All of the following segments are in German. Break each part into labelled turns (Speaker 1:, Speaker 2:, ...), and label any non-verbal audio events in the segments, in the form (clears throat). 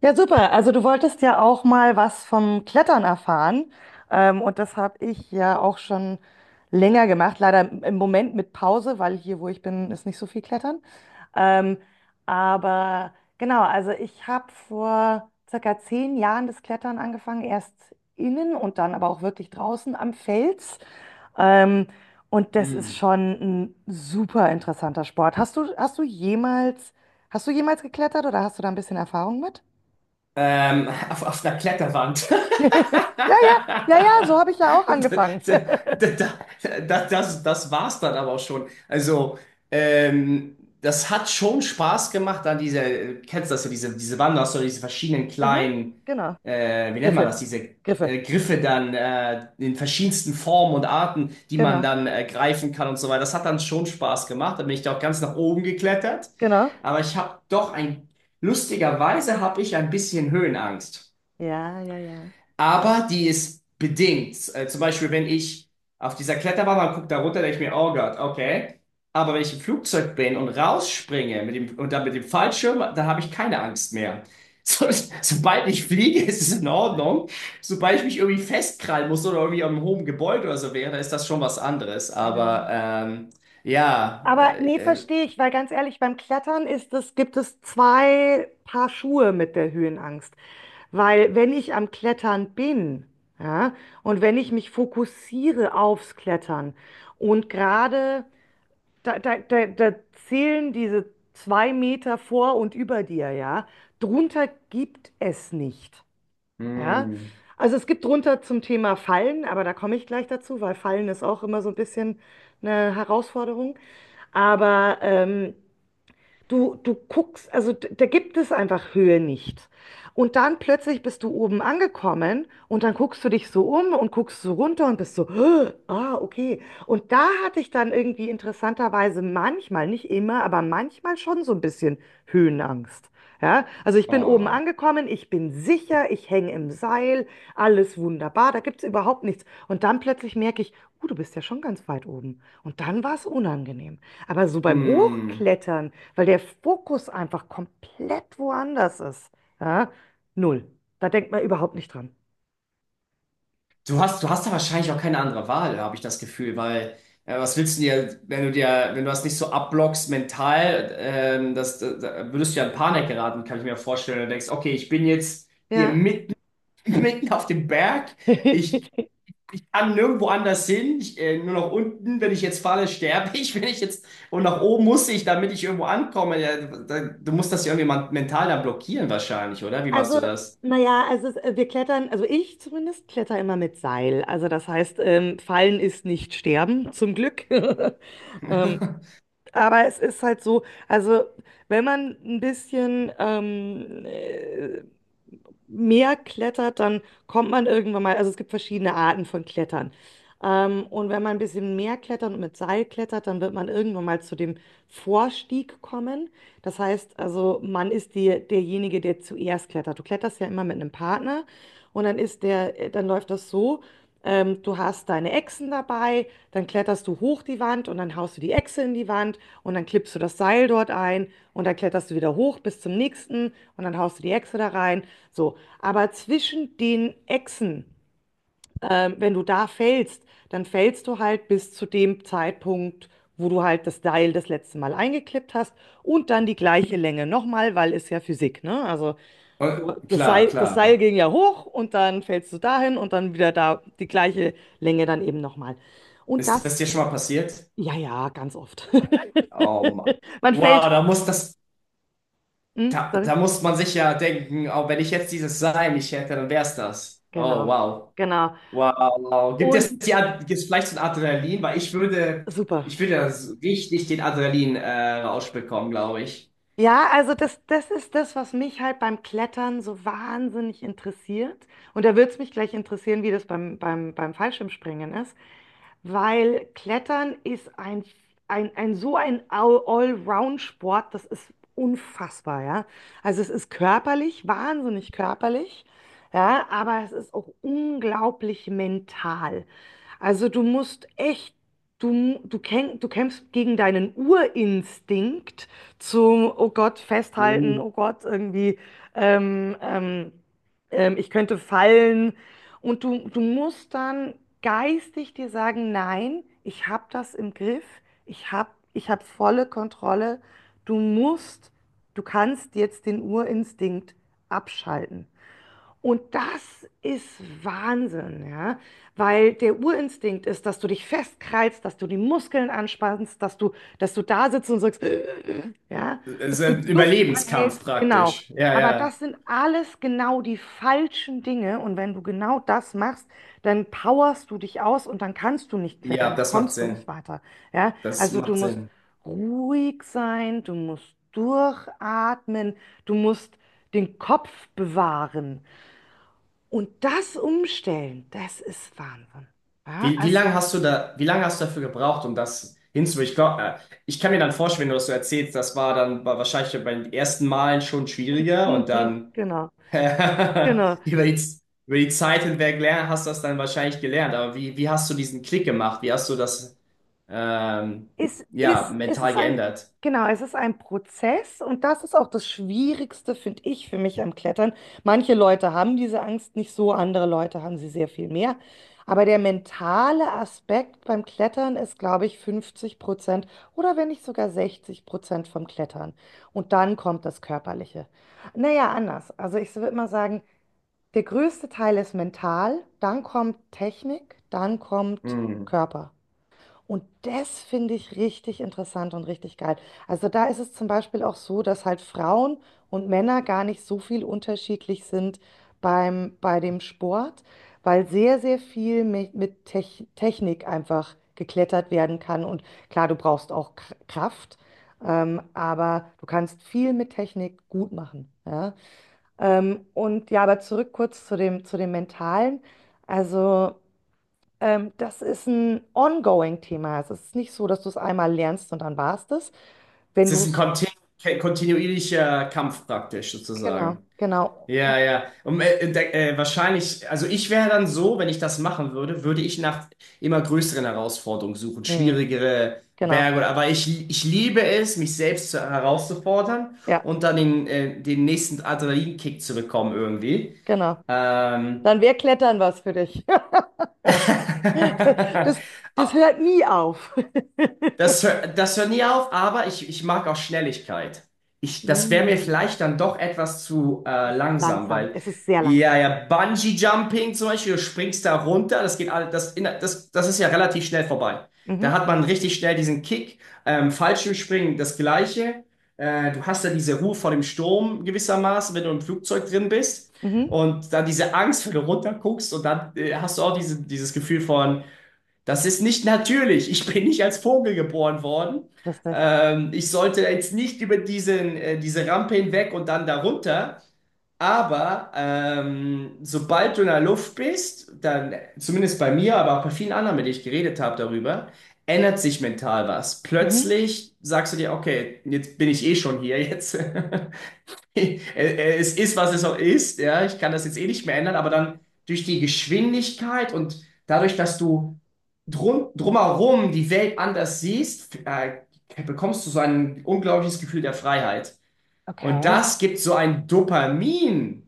Speaker 1: Ja, super. Also du wolltest ja auch mal was vom Klettern erfahren. Und das habe ich ja auch schon länger gemacht. Leider im Moment mit Pause, weil hier, wo ich bin, ist nicht so viel Klettern. Ähm, aber genau, also ich habe vor circa 10 Jahren das Klettern angefangen. Erst innen und dann aber auch wirklich draußen am Fels. Ähm, und das ist
Speaker 2: Hm.
Speaker 1: schon ein super interessanter Sport. Hast du jemals geklettert oder hast du da ein bisschen Erfahrung mit?
Speaker 2: Auf einer Kletterwand. (laughs)
Speaker 1: (laughs) Ja, ja, ja, ja, so habe ich ja auch angefangen.
Speaker 2: (laughs)
Speaker 1: (laughs)
Speaker 2: Das, das war's dann aber auch schon. Also, das hat schon Spaß gemacht an diese, kennst du das so, diese Wanderstöcke, diese verschiedenen
Speaker 1: Aha,
Speaker 2: kleinen,
Speaker 1: genau.
Speaker 2: wie nennt man das,
Speaker 1: Griffe,
Speaker 2: diese
Speaker 1: Griffe,
Speaker 2: Griffe dann in verschiedensten Formen und Arten, die man
Speaker 1: genau,
Speaker 2: dann greifen kann und so weiter. Das hat dann schon Spaß gemacht. Da bin ich da auch ganz nach oben geklettert.
Speaker 1: genau.
Speaker 2: Aber ich habe doch ein, Lustigerweise habe ich ein bisschen Höhenangst.
Speaker 1: Ja, ja, ja.
Speaker 2: Aber die ist bedingt. Zum Beispiel, wenn ich auf dieser Kletterwand mal gucke, da runter, denke ich mir, oh Gott, okay. Aber wenn ich im Flugzeug bin und rausspringe mit dem, und dann mit dem Fallschirm, da habe ich keine Angst mehr. (laughs) So, sobald ich fliege, ist es in Ordnung. Sobald ich mich irgendwie festkrallen muss oder irgendwie am hohen Gebäude oder so wäre, dann ist das schon was anderes. Aber ja,
Speaker 1: Aber nee,
Speaker 2: äh,
Speaker 1: verstehe ich, weil ganz ehrlich, beim Klettern ist es, gibt es zwei Paar Schuhe mit der Höhenangst. Weil wenn ich am Klettern bin, ja, und wenn ich mich fokussiere aufs Klettern und gerade Da, da, da, da zählen diese 2 Meter vor und über dir, ja. Drunter gibt es nicht,
Speaker 2: äh,
Speaker 1: ja.
Speaker 2: mm,
Speaker 1: Also es gibt drunter zum Thema Fallen, aber da komme ich gleich dazu, weil Fallen ist auch immer so ein bisschen eine Herausforderung. Aber ähm, du guckst, also da gibt es einfach Höhe nicht. Und dann plötzlich bist du oben angekommen und dann guckst du dich so um und guckst so runter und bist so, (gasps) "Hö, ah, okay." Und da hatte ich dann irgendwie interessanterweise manchmal, nicht immer, aber manchmal schon so ein bisschen Höhenangst. Ja, also ich bin oben
Speaker 2: oh,
Speaker 1: angekommen, ich bin sicher, ich hänge im Seil, alles wunderbar, da gibt es überhaupt nichts. Und dann plötzlich merke ich, du bist ja schon ganz weit oben. Und dann war es unangenehm. Aber so beim
Speaker 2: mm.
Speaker 1: Hochklettern, weil der Fokus einfach komplett woanders ist. Ja? Null. Da denkt man überhaupt nicht dran.
Speaker 2: Du hast da wahrscheinlich auch keine andere Wahl, habe ich das Gefühl, weil was willst du dir, wenn du dir, wenn du das nicht so abblockst mental, da würdest du ja in Panik geraten, kann ich mir vorstellen. Du denkst, okay, ich bin jetzt hier
Speaker 1: Ja.
Speaker 2: mitten, (laughs) mitten auf dem Berg, ich,
Speaker 1: (laughs)
Speaker 2: ich kann nirgendwo anders hin, nur nach unten, wenn ich jetzt falle, sterbe ich, (laughs) wenn ich jetzt, und nach oben muss ich, damit ich irgendwo ankomme. Ja, da, du musst das ja irgendwie mental da blockieren wahrscheinlich, oder? Wie machst
Speaker 1: Also,
Speaker 2: du das?
Speaker 1: naja, also wir klettern, also ich zumindest kletter immer mit Seil. Also das heißt, fallen ist nicht sterben, zum Glück. (laughs) Ähm, aber es ist halt so, also wenn man ein bisschen mehr klettert, dann kommt man irgendwann mal, also es gibt verschiedene Arten von Klettern. Und wenn man ein bisschen mehr klettert und mit Seil klettert, dann wird man irgendwann mal zu dem Vorstieg kommen. Das heißt, also man ist die, derjenige, der zuerst klettert. Du kletterst ja immer mit einem Partner und dann ist dann läuft das so. Du hast deine Echsen dabei, dann kletterst du hoch die Wand und dann haust du die Echse in die Wand und dann klippst du das Seil dort ein und dann kletterst du wieder hoch bis zum nächsten und dann haust du die Echse da rein. So, aber zwischen den Echsen, wenn du da fällst, dann fällst du halt bis zu dem Zeitpunkt, wo du halt das Seil das letzte Mal eingeklippt hast und dann die gleiche Länge nochmal, weil ist ja Physik, ne? Also
Speaker 2: Und, klar,
Speaker 1: Das Seil
Speaker 2: klar.
Speaker 1: ging ja hoch und dann fällst du dahin und dann wieder da die gleiche Länge dann eben nochmal. Und
Speaker 2: Ist
Speaker 1: das,
Speaker 2: das dir schon mal passiert?
Speaker 1: ja, ja, ganz oft. (laughs)
Speaker 2: Oh Mann.
Speaker 1: Man
Speaker 2: Wow,
Speaker 1: fällt.
Speaker 2: da muss das,
Speaker 1: Hm? Sorry.
Speaker 2: Da muss man sich ja denken, oh, wenn ich jetzt dieses Sein nicht hätte, dann wär's das. Oh,
Speaker 1: Genau,
Speaker 2: wow.
Speaker 1: genau.
Speaker 2: Wow. Gibt
Speaker 1: Und
Speaker 2: es die, gibt's vielleicht so ein Adrenalin? Weil
Speaker 1: super.
Speaker 2: ich würde das richtig den Adrenalin-Rausch bekommen, glaube ich.
Speaker 1: Ja, also das, das ist das, was mich halt beim Klettern so wahnsinnig interessiert. Und da würde es mich gleich interessieren, wie das beim Fallschirmspringen ist, weil Klettern ist ein so ein Allround-Sport, das ist unfassbar, ja. Also es ist körperlich, wahnsinnig körperlich, ja, aber es ist auch unglaublich mental. Also du musst echt, du kämpfst gegen deinen Urinstinkt zum, oh Gott, festhalten,
Speaker 2: Uh.
Speaker 1: oh Gott, irgendwie, ähm, ähm, ich könnte fallen, und du musst dann geistig dir sagen, nein, ich habe das im Griff, ich hab volle Kontrolle. Du musst, du kannst jetzt den Urinstinkt abschalten. Und das ist Wahnsinn, ja, weil der Urinstinkt ist, dass du dich festkreist, dass du die Muskeln anspannst, dass du da sitzt und sagst, (clears throat) (grunts) ja,
Speaker 2: Es
Speaker 1: dass
Speaker 2: ist
Speaker 1: du
Speaker 2: ein
Speaker 1: die Luft
Speaker 2: Überlebenskampf
Speaker 1: anhältst, genau.
Speaker 2: praktisch. Ja,
Speaker 1: Aber
Speaker 2: ja.
Speaker 1: das sind alles genau die falschen Dinge und wenn du genau das machst, dann powerst du dich aus und dann kannst du nicht
Speaker 2: Ja,
Speaker 1: klettern, dann
Speaker 2: das macht
Speaker 1: kommst du
Speaker 2: Sinn.
Speaker 1: nicht weiter, ja.
Speaker 2: Das
Speaker 1: Also du
Speaker 2: macht
Speaker 1: musst
Speaker 2: Sinn.
Speaker 1: ruhig sein, du musst durchatmen, du musst den Kopf bewahren. Und das umstellen, das ist Wahnsinn. Ja,
Speaker 2: Wie, wie
Speaker 1: also,
Speaker 2: lange hast du da, wie lange hast du dafür gebraucht, um das hinzu? Ich kann mir dann vorstellen, wenn du das so erzählst, das war dann war wahrscheinlich bei den ersten Malen schon schwieriger und
Speaker 1: mhm,
Speaker 2: dann
Speaker 1: genau,
Speaker 2: (laughs)
Speaker 1: genau.
Speaker 2: über die, über die Zeit hinweg lernen, hast du das dann wahrscheinlich gelernt. Aber wie, wie hast du diesen Klick gemacht? Wie hast du das ähm,
Speaker 1: Es,
Speaker 2: ja,
Speaker 1: ist, es
Speaker 2: mental
Speaker 1: ist ein,
Speaker 2: geändert?
Speaker 1: genau, es ist ein Prozess und das ist auch das Schwierigste, finde ich, für mich am Klettern. Manche Leute haben diese Angst nicht so, andere Leute haben sie sehr viel mehr. Aber der mentale Aspekt beim Klettern ist, glaube ich, 50% oder wenn nicht sogar 60% vom Klettern. Und dann kommt das Körperliche. Naja, anders. Also ich würde mal sagen, der größte Teil ist mental, dann kommt Technik, dann kommt
Speaker 2: Hm.
Speaker 1: Körper. Und das finde ich richtig interessant und richtig geil. Also da ist es zum Beispiel auch so, dass halt Frauen und Männer gar nicht so viel unterschiedlich sind bei dem Sport, weil sehr, sehr viel mit Technik einfach geklettert werden kann. Und klar, du brauchst auch Kraft, aber du kannst viel mit Technik gut machen. Ja? Und ja, aber zurück kurz zu zu dem Mentalen. Also, das ist ein ongoing-Thema. Also, es ist nicht so, dass du es einmal lernst und dann war's das. Wenn
Speaker 2: Es
Speaker 1: du
Speaker 2: ist ein
Speaker 1: es,
Speaker 2: kontinuierlicher Kampf praktisch
Speaker 1: genau,
Speaker 2: sozusagen.
Speaker 1: genau,
Speaker 2: Ja, ja. Und wahrscheinlich, also ich wäre dann so, wenn ich das machen würde, würde ich nach immer größeren Herausforderungen suchen,
Speaker 1: mhm,
Speaker 2: schwierigere
Speaker 1: genau,
Speaker 2: Berge oder, aber ich liebe es, mich selbst zu, herauszufordern
Speaker 1: ja,
Speaker 2: und dann den, den nächsten Adrenalinkick zu bekommen irgendwie.
Speaker 1: genau.
Speaker 2: Ähm.
Speaker 1: Dann wäre Klettern was für dich. (laughs) Das,
Speaker 2: (laughs)
Speaker 1: das
Speaker 2: Ah,
Speaker 1: hört nie auf.
Speaker 2: Das hört nie auf, aber ich mag auch Schnelligkeit. Ich, das wäre mir
Speaker 1: Mm,
Speaker 2: vielleicht dann doch etwas zu
Speaker 1: das ist
Speaker 2: langsam,
Speaker 1: langsam.
Speaker 2: weil
Speaker 1: Es ist sehr langsam.
Speaker 2: ja, ja,
Speaker 1: Ja.
Speaker 2: Bungee-Jumping zum Beispiel, du springst da runter, das geht alles, das, in, das, das ist ja relativ schnell vorbei. Da
Speaker 1: Mhm,
Speaker 2: hat man richtig schnell diesen Kick. Fallschirmspringen, das Gleiche. Du hast ja diese Ruhe vor dem Sturm gewissermaßen, wenn du im Flugzeug drin bist.
Speaker 1: mhm.
Speaker 2: Und dann diese Angst, wenn du runterguckst und dann hast du auch diese, dieses Gefühl von das ist nicht natürlich. Ich bin nicht als Vogel geboren worden.
Speaker 1: Lustig.
Speaker 2: Ich sollte jetzt nicht über diesen, diese Rampe hinweg und dann darunter. Aber sobald du in der Luft bist, dann, zumindest bei mir, aber auch bei vielen anderen, mit denen ich geredet habe darüber, ändert sich mental was.
Speaker 1: Mhm.
Speaker 2: Plötzlich sagst du dir, okay, jetzt bin ich eh schon hier jetzt. (laughs) (laughs) Es ist, was es auch ist, ja. Ich kann das jetzt eh nicht mehr ändern, aber dann durch die Geschwindigkeit und dadurch, dass du drumherum die Welt anders siehst, bekommst du so ein unglaubliches Gefühl der Freiheit. Und
Speaker 1: Okay,
Speaker 2: das gibt so einen Dopaminschub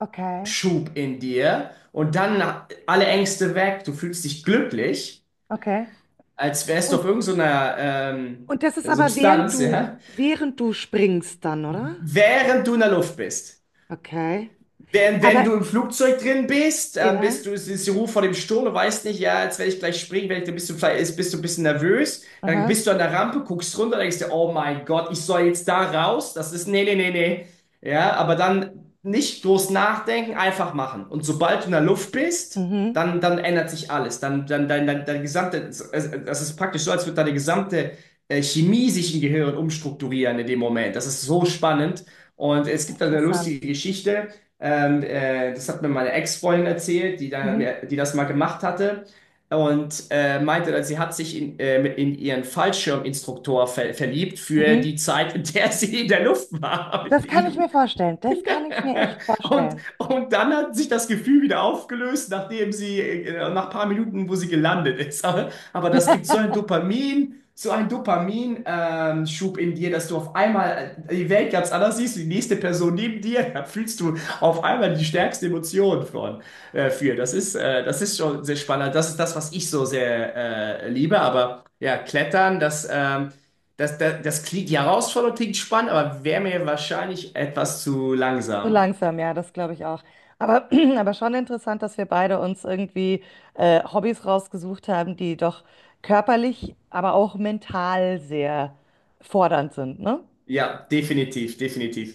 Speaker 1: okay,
Speaker 2: in dir und dann alle Ängste weg. Du fühlst dich glücklich,
Speaker 1: okay.
Speaker 2: als wärst du auf irgendeiner
Speaker 1: Und das ist aber
Speaker 2: Substanz, ja,
Speaker 1: während du springst dann, oder?
Speaker 2: während du in der Luft bist.
Speaker 1: Okay.
Speaker 2: Wenn, wenn
Speaker 1: Aber
Speaker 2: du im Flugzeug drin bist, bist
Speaker 1: ja.
Speaker 2: du, es ist die Ruhe vor dem Sturm, du weißt nicht, ja, jetzt werde ich gleich springen, wenn ich, dann bist du vielleicht, bist du ein bisschen nervös, dann
Speaker 1: Aha.
Speaker 2: bist du an der Rampe, guckst runter, denkst dir, oh mein Gott, ich soll jetzt da raus, das ist, nee, nee, nee, nee, ja, aber dann nicht groß nachdenken, einfach machen. Und sobald du in der Luft bist,
Speaker 1: Mhm.
Speaker 2: dann ändert sich alles, dein gesamte, das ist praktisch so, als würde deine gesamte Chemie sich im Gehirn umstrukturieren in dem Moment, das ist so spannend. Und es gibt da eine lustige
Speaker 1: Interessant.
Speaker 2: Geschichte. Das hat mir meine Ex-Freundin erzählt,
Speaker 1: Mhm.
Speaker 2: die das mal gemacht hatte und meinte, dass sie hat sich in, mit in ihren Fallschirminstruktor verliebt für
Speaker 1: Mhm.
Speaker 2: die Zeit, in der sie in der Luft war (laughs) mit
Speaker 1: Das kann ich mir
Speaker 2: ihm.
Speaker 1: vorstellen. Das kann
Speaker 2: (laughs)
Speaker 1: ich mir echt vorstellen.
Speaker 2: Und dann hat sich das Gefühl wieder aufgelöst, nachdem sie, nach ein paar Minuten, wo sie gelandet ist. Aber das gibt so ein Dopamin, so ein Dopaminschub in dir, dass du auf einmal die Welt ganz anders siehst, die nächste Person neben dir, da fühlst du auf einmal die stärkste Emotion von, für. Das ist schon sehr spannend. Das ist das, was ich so sehr, liebe. Aber ja, Klettern, das klingt, die Herausforderung klingt spannend, aber wäre mir wahrscheinlich etwas zu
Speaker 1: So
Speaker 2: langsam.
Speaker 1: langsam, ja, das glaube ich auch. Aber, (clears throat) aber schon interessant, dass wir beide uns irgendwie Hobbys rausgesucht haben, die doch körperlich, aber auch mental sehr fordernd sind, ne?
Speaker 2: Ja, definitiv, definitiv.